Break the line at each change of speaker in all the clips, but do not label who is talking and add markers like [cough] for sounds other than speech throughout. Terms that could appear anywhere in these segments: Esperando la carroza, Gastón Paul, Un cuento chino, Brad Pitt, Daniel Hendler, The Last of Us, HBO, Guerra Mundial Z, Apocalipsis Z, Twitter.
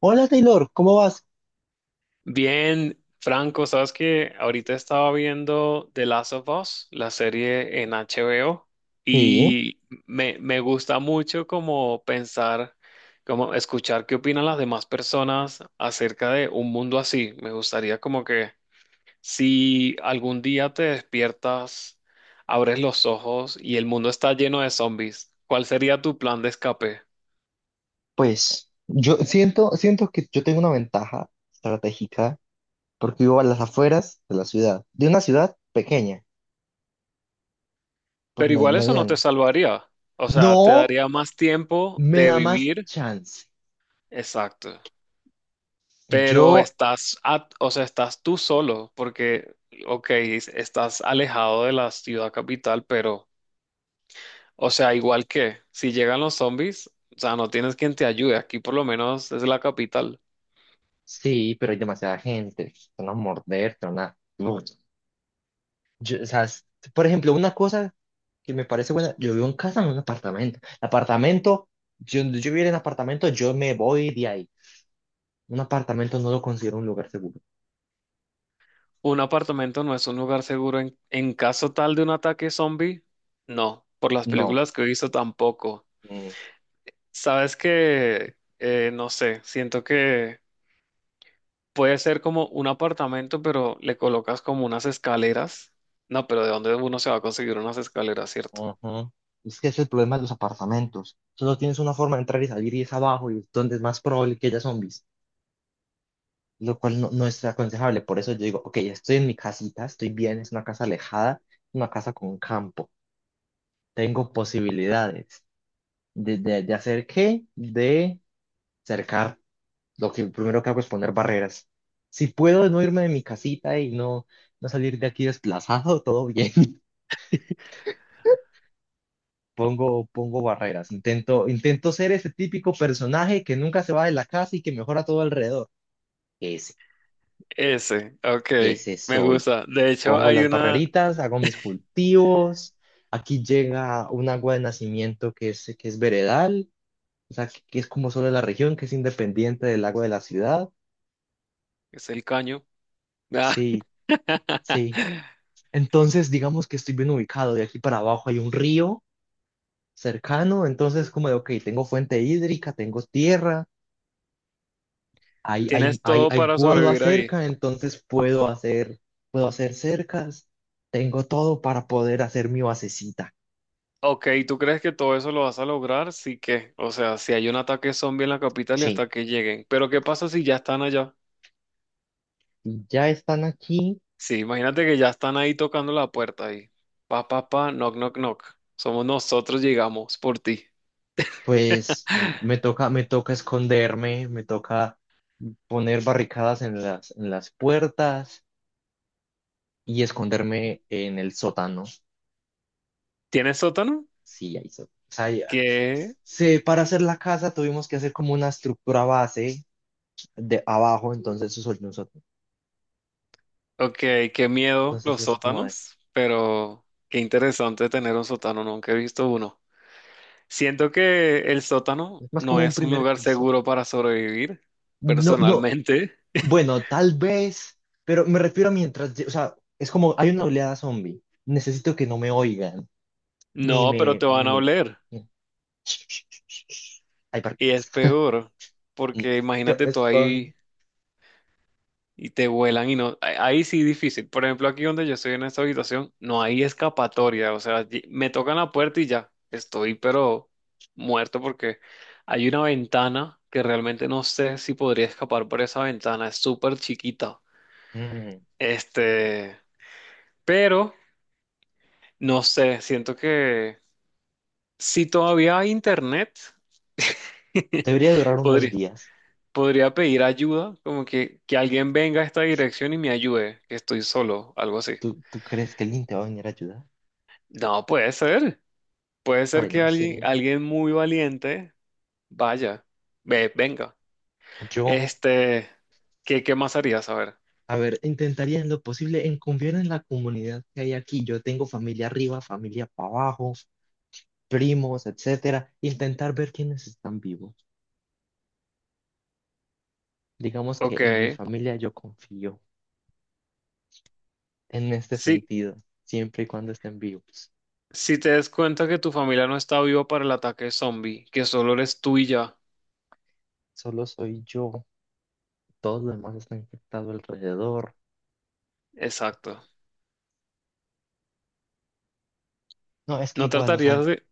Hola Taylor, ¿cómo vas?
Bien, Franco, sabes que ahorita estaba viendo The Last of Us, la serie en HBO,
Sí,
y me gusta mucho como pensar, como escuchar qué opinan las demás personas acerca de un mundo así. Me gustaría como que si algún día te despiertas, abres los ojos y el mundo está lleno de zombies, ¿cuál sería tu plan de escape?
pues yo siento que yo tengo una ventaja estratégica porque vivo a las afueras de la ciudad, de una ciudad pequeña, pues
Pero igual eso no te
mediana.
salvaría. O sea, te
No,
daría más tiempo
me
de
da más
vivir.
chance.
Exacto.
Yo
Pero estás, o sea, estás tú solo, porque, ok, estás alejado de la ciudad capital, pero, o sea, igual que si llegan los zombies, o sea, no tienes quien te ayude. Aquí por lo menos es la capital.
sí, pero hay demasiada gente, te van a morder, te van a... Uf. Yo, o sea, por ejemplo, una cosa que me parece buena, yo vivo en casa, no en un apartamento. El apartamento, yo viviera en apartamento, yo me voy de ahí. Un apartamento no lo considero un lugar seguro.
Un apartamento no es un lugar seguro en caso tal de un ataque zombie. No, por las
No.
películas que he visto tampoco.
Mm,
Sabes que, no sé, siento que puede ser como un apartamento, pero le colocas como unas escaleras. No, pero ¿de dónde uno se va a conseguir unas escaleras, cierto?
ajá. Es que ese es el problema de los apartamentos. Solo tienes una forma de entrar y salir y es abajo y es donde es más probable que haya zombies, lo cual no es aconsejable. Por eso yo digo, ok, estoy en mi casita, estoy bien, es una casa alejada, una casa con campo. Tengo posibilidades de hacer qué, de cercar. Lo que primero que hago es poner barreras. Si puedo no irme de mi casita y no salir de aquí desplazado, [laughs] todo bien. Pongo barreras, intento ser ese típico personaje que nunca se va de la casa y que mejora todo alrededor. Ese,
Ese, ok,
ese
me
soy.
gusta. De hecho,
Pongo
hay
las
una,
barreritas, hago mis cultivos. Aquí llega un agua de nacimiento que es veredal, o sea, que es como solo de la región, que es independiente del agua de la ciudad.
es el caño. Ah,
Sí, sí.
[laughs]
Entonces, digamos que estoy bien ubicado. De aquí para abajo hay un río cercano, entonces como de, ok, tengo fuente hídrica, tengo tierra, hay, hay,
tienes
hay,
todo
hay
para
guadua
sobrevivir ahí.
cerca, entonces puedo hacer cercas, tengo todo para poder hacer mi basecita.
Ok, ¿tú crees que todo eso lo vas a lograr? Sí, que, o sea, si hay un ataque zombie en la capital y
Sí,
hasta que lleguen. Pero ¿qué pasa si ya están allá?
y ya están aquí,
Sí, imagínate que ya están ahí tocando la puerta ahí. Pa, pa, pa, knock, knock, knock. Somos nosotros, llegamos por ti.
pues me toca esconderme, me toca poner barricadas en las puertas y esconderme en el sótano.
¿Tienes sótano?
Sí, ahí o sea,
Qué,
para hacer la casa tuvimos que hacer como una estructura base de abajo, entonces eso es un sótano.
ok, qué miedo
Entonces
los
es como de.
sótanos, pero qué interesante tener un sótano, nunca he visto uno. Siento que el sótano
Es más
no
como un
es un
primer
lugar
piso.
seguro para sobrevivir,
No, no,
personalmente. [laughs]
bueno, tal vez, pero me refiero a mientras, o sea, es como hay una oleada zombie. Necesito que no me oigan, ni
No, pero te van a oler
ni- hay
y es
barcas.
peor,
No,
porque
yo me
imagínate tú
escondo.
ahí y te vuelan y no, ahí ahí sí difícil. Por ejemplo, aquí donde yo estoy en esta habitación, no hay escapatoria, o sea, me tocan la puerta y ya, estoy pero muerto porque hay una ventana que realmente no sé si podría escapar por esa ventana, es súper chiquita.
Mm.
Este, pero no sé, siento que si todavía hay internet, [laughs]
Debería durar unos
podría,
días.
podría pedir ayuda, como que alguien venga a esta dirección y me ayude, que estoy solo, algo así.
¿Tú, tú crees que alguien te va a venir a ayudar?
No puede ser. Puede ser que
Bueno,
alguien,
sí.
alguien muy valiente vaya, venga.
Yo,
Este, ¿qué más harías? A ver.
a ver, intentaría en lo posible en confiar en la comunidad que hay aquí. Yo tengo familia arriba, familia para abajo, primos, etcétera, intentar ver quiénes están vivos. Digamos
Ok.
que en mi familia yo confío en este
Si,
sentido, siempre y cuando estén vivos.
si te des cuenta que tu familia no está viva para el ataque zombie, que solo eres tú y ya.
Solo soy yo, todos los demás están infectados alrededor.
Exacto.
No, es que
No
igual, o sea,
tratarías de...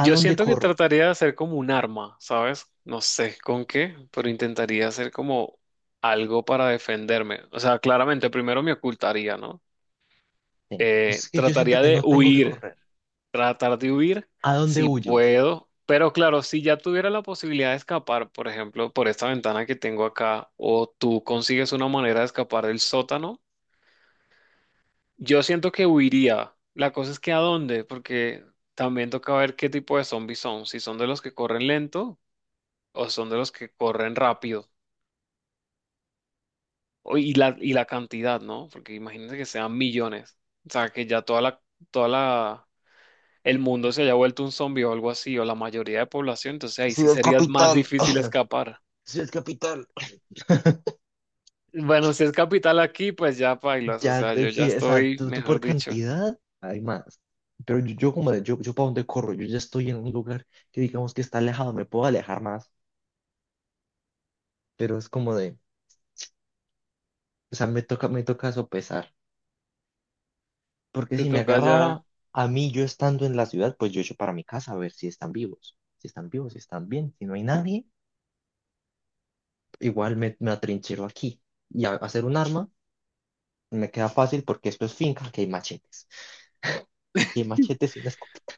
¿a dónde
siento que
corro?
trataría de hacer como un arma, ¿sabes? No sé con qué, pero intentaría hacer como algo para defenderme. O sea, claramente primero me ocultaría, ¿no?
Sí. Es que yo siento
Trataría
que
de
no tengo que
huir.
correr.
Tratar de huir
¿A dónde
si
huyes?
puedo, pero claro, si ya tuviera la posibilidad de escapar, por ejemplo, por esta ventana que tengo acá, o tú consigues una manera de escapar del sótano, yo siento que huiría. La cosa es que a dónde, porque también toca ver qué tipo de zombies son, si son de los que corren lento o son de los que corren rápido. Y la cantidad, ¿no? Porque imagínense que sean millones, o sea, que ya toda la el mundo se haya vuelto un zombie o algo así, o la mayoría de población, entonces ahí sí
Ciudad
sería más
capital,
difícil escapar.
ciudad capital. [laughs]
Bueno, si es capital aquí, pues ya pailas, o
Ya,
sea, yo ya
sí, o sea,
estoy,
tú
mejor
por
dicho,
cantidad hay más. Pero yo como de, yo para dónde corro, yo ya estoy en un lugar que digamos que está alejado, me puedo alejar más, pero es como de, o sea, me toca sopesar. Porque
te
si me
toca
agarrara
ya.
a mí, yo estando en la ciudad, pues yo echo para mi casa a ver si están vivos, si están vivos, si están bien, si no hay nadie, igual me, me atrinchero aquí. Y hacer un arma me queda fácil porque esto es finca, que hay machetes. Y hay machetes y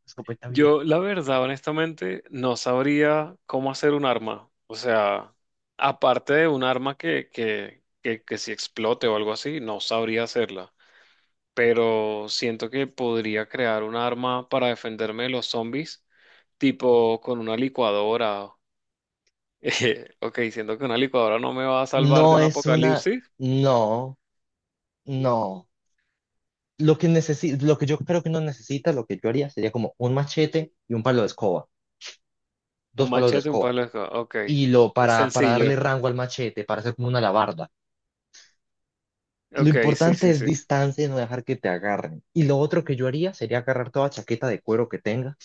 una escopeta vieja.
Yo, la verdad, honestamente, no sabría cómo hacer un arma, o sea, aparte de un arma que si explote o algo así, no sabría hacerla, pero siento que podría crear un arma para defenderme de los zombies, tipo con una licuadora. Ok, siento que una licuadora no me va a salvar de
No
un
es una,
apocalipsis.
no. No, lo que lo que yo creo que no necesita, lo que yo haría sería como un machete y un palo de escoba,
Un
dos palos de
machete, un
escoba,
palo de escoba. Ok,
y lo
es
para darle
sencillo.
rango al machete, para hacer como una alabarda. Lo
Ok, sí,
importante
sí,
es
sí.
distancia y no dejar que te agarren. Y lo otro que yo haría sería agarrar toda chaqueta de cuero que tenga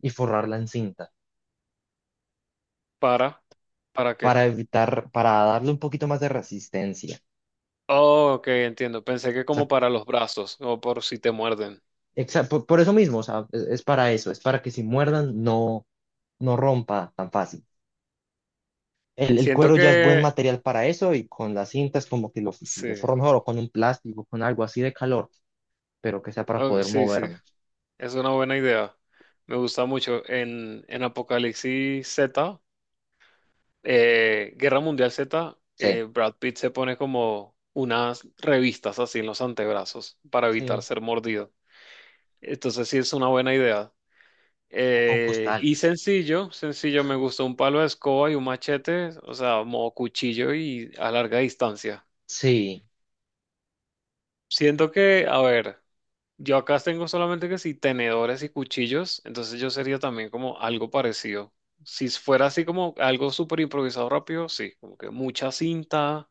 y forrarla en cinta
¿Para? ¿Para qué?
para evitar, para darle un poquito más de resistencia.
Oh, ok, entiendo. Pensé que
O sea,
como para los brazos o por si te muerden.
por eso mismo, o sea, es para eso, es para que si muerdan no rompa tan fácil. El
Siento
cuero ya es buen
que...
material para eso y con las cintas como que
Sí,
lo forro mejor o con un plástico, con algo así de calor, pero que sea para
oh,
poder
sí, sí.
moverme.
Es una buena idea. Me gusta mucho. En Apocalipsis Z, Guerra Mundial Z,
Sí,
Brad Pitt se pone como unas revistas así en los antebrazos para evitar
sí.
ser mordido. Entonces sí es una buena idea.
O con
Y
costales.
sencillo, sencillo, me gusta un palo de escoba y un machete, o sea, modo cuchillo y a larga distancia.
Sí,
Siento que, a ver, yo acá tengo solamente que si tenedores y cuchillos, entonces yo sería también como algo parecido. Si fuera así como algo súper improvisado rápido, sí, como que mucha cinta,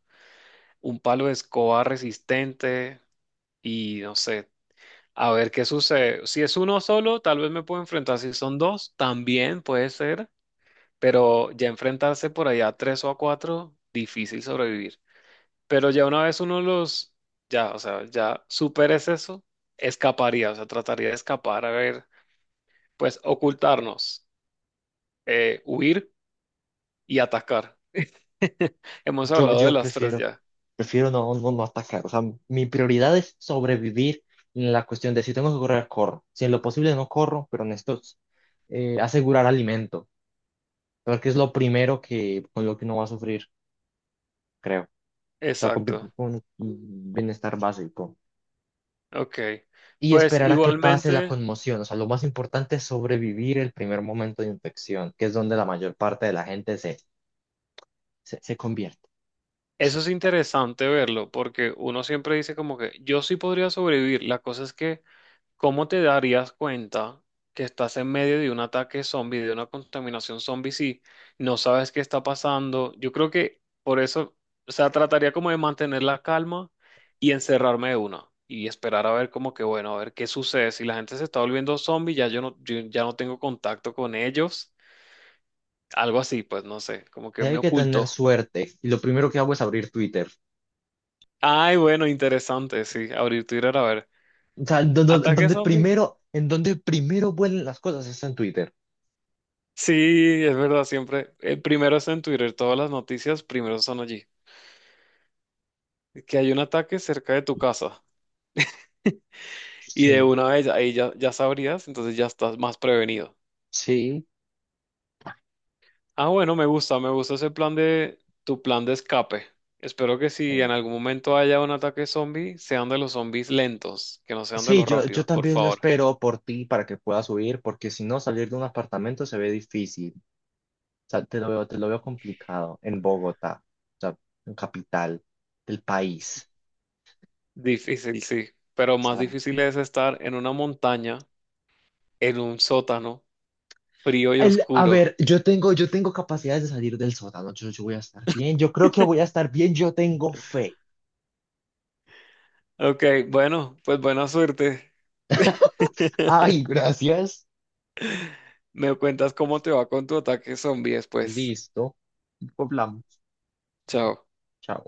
un palo de escoba resistente y no sé, a ver qué sucede. Si es uno solo, tal vez me puedo enfrentar. Si son dos, también puede ser. Pero ya enfrentarse por allá a tres o a cuatro, difícil sobrevivir. Pero ya una vez uno los, ya, o sea, ya superes eso, escaparía, o sea, trataría de escapar, a ver, pues ocultarnos, huir y atacar. [laughs] Hemos
yo,
hablado de
yo
las tres
prefiero,
ya.
prefiero no atacar. O sea, mi prioridad es sobrevivir en la cuestión de si tengo que correr, corro. Si en lo posible no corro, pero necesito, asegurar alimento, porque es lo primero que, con lo que uno va a sufrir, creo. O sea, con,
Exacto.
con bienestar básico.
Ok.
Y
Pues
esperar a que pase la
igualmente.
conmoción. O sea, lo más importante es sobrevivir el primer momento de infección, que es donde la mayor parte de la gente se convierte.
Eso es interesante verlo, porque uno siempre dice como que yo sí podría sobrevivir. La cosa es que, ¿cómo te darías cuenta que estás en medio de un ataque zombie, de una contaminación zombie, si no sabes qué está pasando? Yo creo que por eso, o sea, trataría como de mantener la calma y encerrarme de una y esperar a ver como que, bueno, a ver qué sucede. Si la gente se está volviendo zombie, ya yo no, yo ya no tengo contacto con ellos. Algo así, pues no sé, como que me
Hay que tener
oculto.
suerte. Y lo primero que hago es abrir Twitter.
Ay, bueno, interesante, sí, abrir Twitter a ver.
O sea,
¿Ataque
donde
zombie?
primero, en donde primero vuelen las cosas es en Twitter.
Sí, es verdad, siempre. El primero es en Twitter, todas las noticias primero son allí. Que hay un ataque cerca de tu casa. Y de
Sí.
una vez ahí ya, ya sabrías, entonces ya estás más prevenido.
Sí,
Ah, bueno, me gusta ese plan de tu plan de escape. Espero que si
sí.
en algún momento haya un ataque zombie, sean de los zombies lentos, que no sean de
Sí,
los
yo
rápidos, por
también lo
favor.
espero por ti para que puedas huir, porque si no, salir de un apartamento se ve difícil. O sea, te lo veo complicado en Bogotá, o sea, en capital del país.
Difícil, sí, pero más
Sea,
difícil es estar en una montaña, en un sótano. Frío y
el, a
oscuro.
ver, yo tengo capacidades de salir del sótano. Yo voy a estar bien. Yo creo que voy a estar bien. Yo tengo fe.
Ok, bueno, pues buena suerte. [laughs]
Ay, gracias.
Me cuentas cómo te va con tu ataque zombie después.
Listo. Poblamos.
Chao.
Chao.